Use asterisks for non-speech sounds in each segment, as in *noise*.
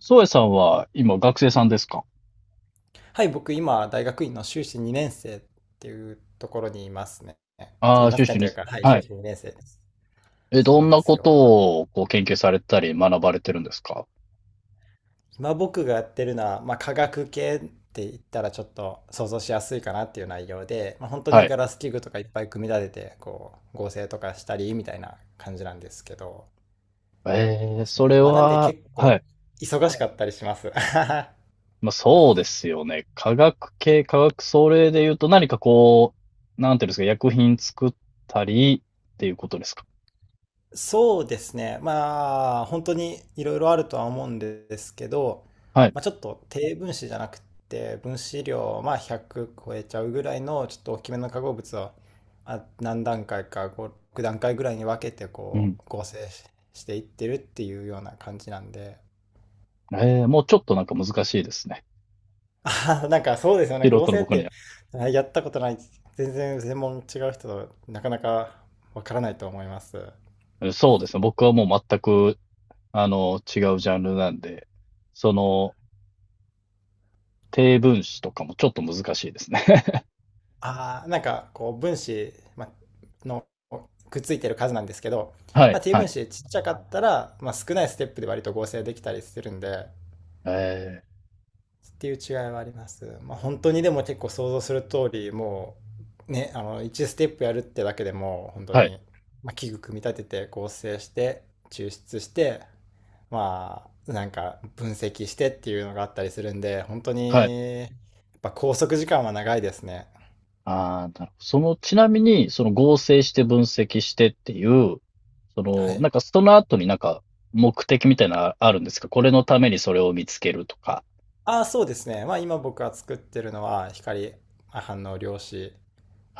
宗谷さんは今学生さんですか？はい、僕今、大学院の修士2年生っていうところにいますね。ああいー、ま修すね士と2いう世。か、はい、は修い。士2年生です。え、そうどなんんでなすこよ。とを研究されたり学ばれてるんですか？今僕がやってるのは、まあ、化学系って言ったらちょっと想像しやすいかなっていう内容で、まあ、本当にはい。ガラス器具とかいっぱい組み立てて、こう、合成とかしたりみたいな感じなんですけど、えでー、すそね。れまあ、なんでは、結は構い。忙しかったりします。*laughs* まあ、そうですよね。科学系、科学、それで言うと何かこう、なんていうんですか、薬品作ったりっていうことですか？そうですね。まあ、本当にいろいろあるとは思うんですけど、はい。まあ、ちょっと低分子じゃなくて、分子量、まあ、100超えちゃうぐらいの、ちょっと大きめの化合物は、まあ、何段階か、6段階ぐらいに分けて、うこん。う、合成していってるっていうような感じなんで、えー、もうちょっとなんか難しいですね。*laughs* あーなんかそうですよね。素合人の成っ僕にて、は。あやったことない、全然専門違う人となかなかわからないと思います。え、そうですね。僕はもう全く、違うジャンルなんで、その、低分子とかもちょっと難しいですね。ああ、なんかこう分子、ま、のくっついてる数なんですけど、はまい、あ、T は分い。子ちっちゃかったら、まあ、少ないステップで割と合成できたりするんで、えーっていう違いはあります。まあ、本当にでも結構想像する通り、もうね、あの1ステップやるってだけでも本当はい、に、まあ、器具組み立てて合成して抽出して、まあなんか分析してっていうのがあったりするんで、本当はい。にやっぱ拘束時間は長いですね。ああ、なるほど。その、ちなみに、その合成して分析してっていう、そはの、い。なんかその後になんか目的みたいなのあるんですか？これのためにそれを見つけるとか。ああ、そうですね。まあ今僕が作ってるのは光反応量子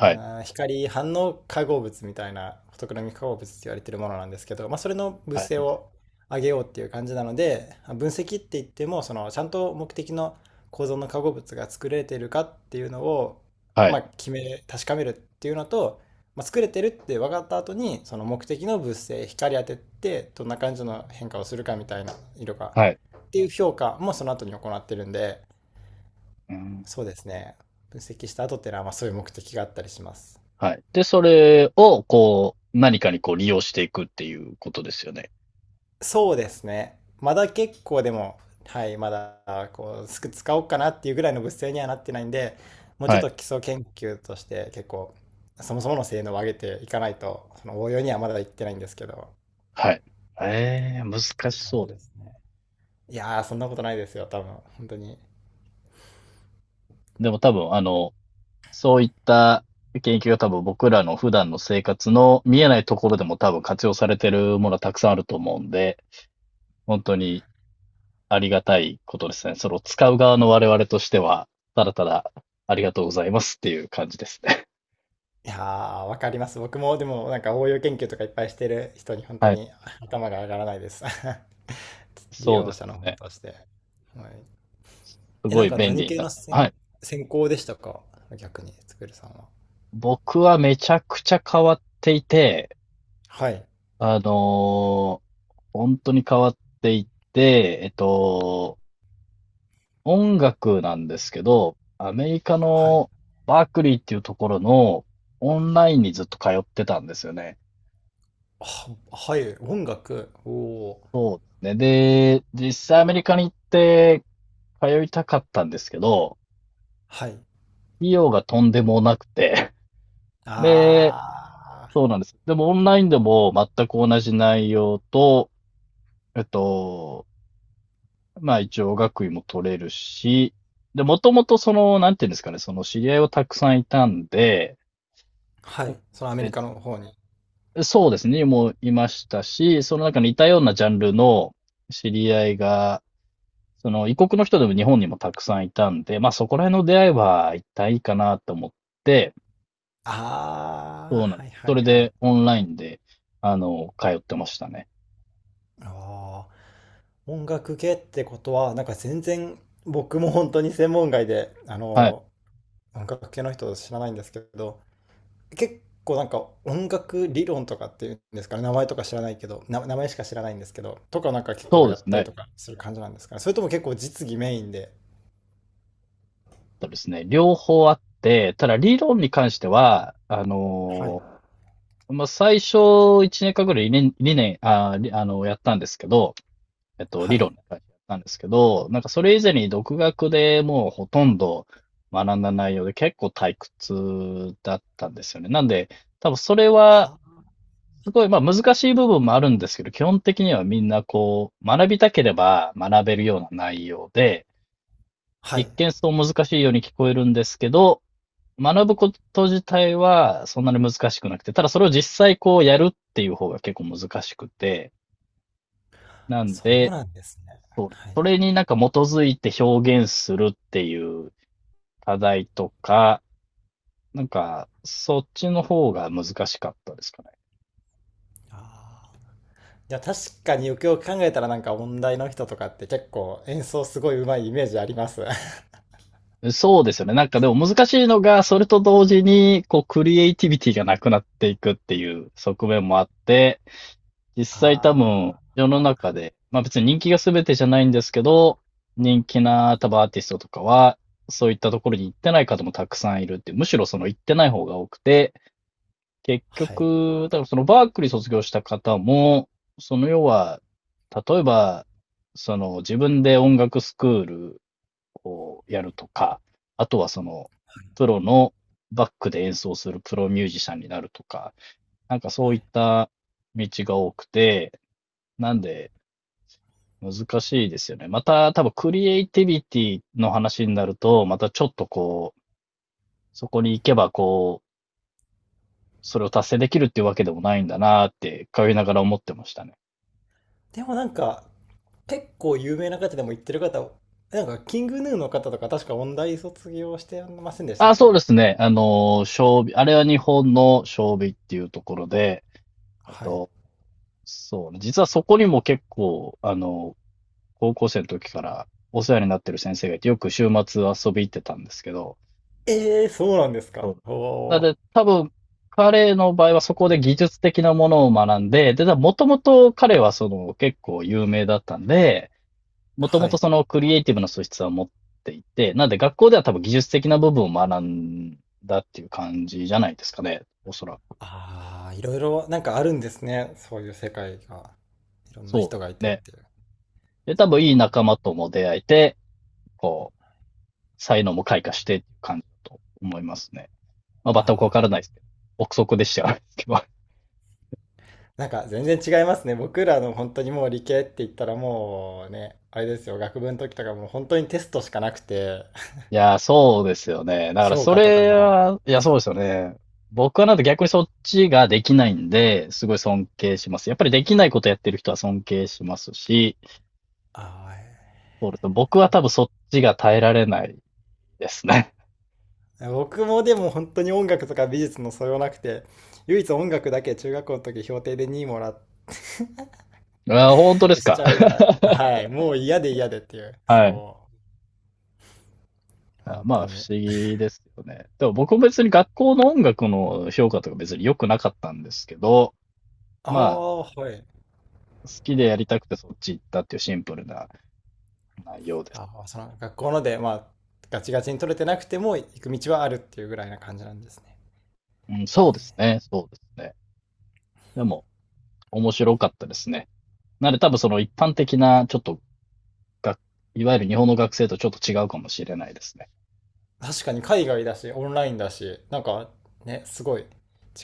あい、ー光反応化合物みたいなフォトクロミック化合物って言われてるものなんですけど、まあ、それの物は性い、を上げようっていう感じなので、まあ分析って言ってもそのちゃんと目的の構造の化合物が作れてるかっていうのを、はまい、あ、確かめるっていうのと、まあ、作れてるって分かった後にその目的の物性光当ててどんな感じの変化をするかみたいな色がはい。っていう評価もその後に行ってるんで、うん、そうですね、分析した後っていうのはまあそういう目的があったりします。はい。で、それを、こう、何かにこう利用していくっていうことですよね。そうですね。まだ結構でも、はい、まだこうすく使おうかなっていうぐらいの物性にはなってないんで、もうちょはっい、と基礎研究として結構、そもそもの性能を上げていかないと、その応用にはまだいってないんですけど、はい。ええ、難っしていう感そうじでです。すね。いやー、そんなことないですよ、多分、本当に。いでも多分、そういった研究が多分僕らの普段の生活の見えないところでも多分活用されてるものはたくさんあると思うんで、本当にありがたいことですね。それを使う側の我々としては、ただただありがとうございますっていう感じですね。やー、わかります。僕もでもなんか応用研究とかいっぱいしてる人に *laughs* 本当はい。に頭が上がらないです。*laughs* 利そう用です者の方よね。として。はい。すえ、ごなんいか便何利に系なっのて。は専、い。専攻でしたか、逆に、つくるさんは。僕はめちゃくちゃ変わっていて、はい。あのー本当に変わっていて、音楽なんですけど、アメリカはい。のバークリーっていうところのオンラインにずっと通ってたんですよね。は、はい。音楽。おお。で、実際アメリカに行って通いたかったんですけど、はい。費用がとんでもなくて、*laughs* で、ああ。そうなんです。でもオンラインでも全く同じ内容と、えっと、まあ一応学位も取れるし、で、もともとその、なんていうんですかね、その知り合いをたくさんいたんで、はい。そのアメリカの別方に。そうですね、もういましたし、その中に似たようなジャンルの知り合いが、その異国の人でも日本にもたくさんいたんで、まあそこら辺の出会いは一体いいかなと思って、あそあ。うなんはでいす。はそいれはでい。オンラインで、通ってましたね。ああ。音楽系ってことは、なんか全然、僕も本当に専門外で、あはい。の、音楽系の人知らないんですけど、結構なんか音楽理論とかっていうんですかね、名前とか知らないけど、名前しか知らないんですけど、とかなんか結構そうでやすったりね。とかする感じなんですかね。それとも結構実技メインで。そうですね。両方あって、ただ理論に関しては、はい。まあ最初1年間ぐらい理念、理念、あ、りあの、やったんですけど、は理い。論に書いてあったんですけど、なんかそれ以前に独学でもうほとんど学んだ内容で結構退屈だったんですよね。なんで、多分それはあ、すごい、まあ難しい部分もあるんですけど、基本的にはみんなこう、学びたければ学べるような内容で、は一い。見そう難しいように聞こえるんですけど、学ぶこと自体はそんなに難しくなくて、ただそれを実際こうやるっていう方が結構難しくて、なんそうで、なんですね。そうです。はそい。れになんか基づいて表現するっていう課題とか、なんか、そっちの方が難しかったですかあー、いや、確かによくよく考えたらなんか音大の人とかって結構演奏すごいうまいイメージあります。*laughs* あね。そうですよね。なんかでも難しいのが、それと同時に、こう、クリエイティビティがなくなっていくっていう側面もあって、実際多分、あ、世の中で、まあ別に人気が全てじゃないんですけど、人気な多分アーティストとかは、そういったところに行ってない方もたくさんいるって、むしろその行ってない方が多くて、結はい。局、だからそのバークリー卒業した方も、その要は、例えば、その自分で音楽スクールをやるとか、あとはその、プロのバックで演奏するプロミュージシャンになるとか、なんかそういった道が多くて、なんで難しいですよね。また多分クリエイティビティの話になると、またちょっとこう、そこに行けばこう、それを達成できるっていうわけでもないんだなって、通いながら思ってましたね。でもなんか、結構有名な方でも言ってる方、なんか、キングヌーの方とか確か音大卒業してませんでしたっあ、そうけ。ですね。将棋、あれは日本の将棋っていうところで、えっはい。と、そうね、実はそこにも結構、高校生の時からお世話になってる先生がいて、よく週末遊び行ってたんですけど、ええ、そうなんですそか。うおなのお。で、多分、彼の場合はそこで技術的なものを学んで、で、もともと彼はその結構有名だったんで、もともはとい。そのクリエイティブの素質は持っていて、なんで学校では多分技術的な部分を学んだっていう感じじゃないですかね。おそらく。ああ、いろいろなんかあるんですね。そういう世界が。いろんなそうで人がいすてっね。ていう。で、そっ多分いいか。仲間とも出会えて、こう、才能も開花してっていう感じだと思いますね。まあ、全くわかあらないあ。ですけど。憶測でしちゃうんですけど。*laughs* なんか全然違いますね。僕らの本当にもう理系って言ったらもうね、あれですよ、学部の時とかもう本当にテストしかなくて、いやー、そうですよね。*laughs* だから評そ価とかれも。は、いや、そうですよね。僕はなんで逆にそっちができないんで、すごい尊敬します。やっぱりできないことやってる人は尊敬しますし、ああ、えそうですね。僕は多分そっちが耐えられないですね。ー僕もでも本当に音楽とか美術の素養なくて、唯一音楽だけ中学校の時評定で2位もらっ *laughs* あー、本当ですしちか？ゃうぐら *laughs* い。はい。もう嫌で嫌でっていう。はい。そう。あ、本ま当あ、不に。思議ですよね。でも僕も別に学校の音楽の評価とか別に良くなかったんですけど、あまあ、あ、はい。好きでやりたくてそっち行ったっていうシンプルな内容です。ああ、その学校ので、まあ、ガチガチに取れてなくても行く道はあるっていうぐらいな感じなんですね。うん、そうですね、そうですね。でも、面白かったですね。なので多分その一般的な、ちょっとがいわゆる日本の学生とちょっと違うかもしれないですね。確かに海外だし、オンラインだし、なんかね、すごい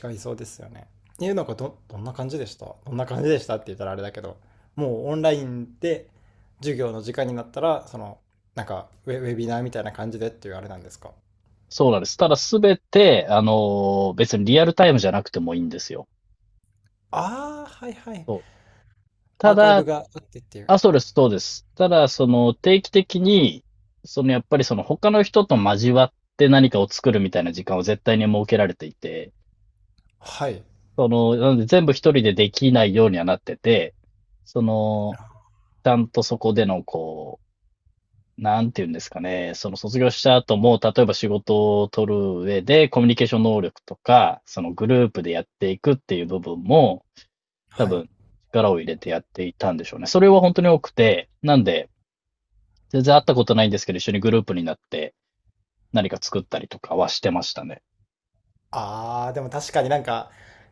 違いそうですよね。え、なんかどんな感じでしたどんな感じでしたって言ったらあれだけど、もうオンラインで授業の時間になったら、その、なんかウェビナーみたいな感じでっていうあれなんですか。そうなんです。ただすべて、別にリアルタイムじゃなくてもいいんですよ。ああー、はいはい。そう。アたーカイブだ、があってっていう。あ、そうです、そうです。ただ、その、定期的に、その、やっぱりその、他の人と交わって何かを作るみたいな時間を絶対に設けられていて、はい。その、なので全部一人でできないようにはなってて、その、ちゃんとそこでの、こう、なんて言うんですかね、その卒業した後も、例えば仕事を取る上で、コミュニケーション能力とか、そのグループでやっていくっていう部分も、多はい。分、力を入れてやっていたんでしょうね。それは本当に多くて、なんで、全然会ったことないんですけど、一緒にグループになって何か作ったりとかはしてましたね。ああ、でも確かになんか、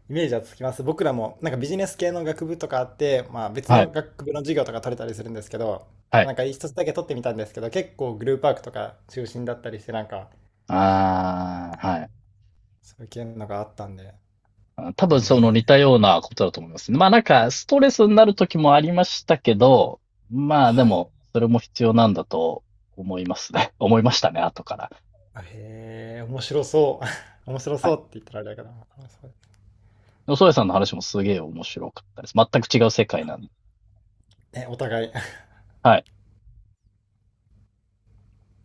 イメージはつきます。僕らも、なんかビジネス系の学部とかあって、まあ別はい。の学部の授業とか取れたりするんですけど、はい。なんか一つだけ取ってみたんですけど、結構グループワークとか中心だったりして、なんか、ああ、はい。そういう系のがあったんで、あ、多へ分その似たえ、ようなことだと思いますね。まあなんかストレスになる時もありましたけど、まあではい。も、それも必要なんだと思いますね。*laughs* 思いましたね、後から。へえ、面白そう。*laughs* 面白はそい。うって言ったらあれだけど、面白そうでそソさんの話もすげえ面白かったです。全く違う世界なんで。ね、お互い。はい。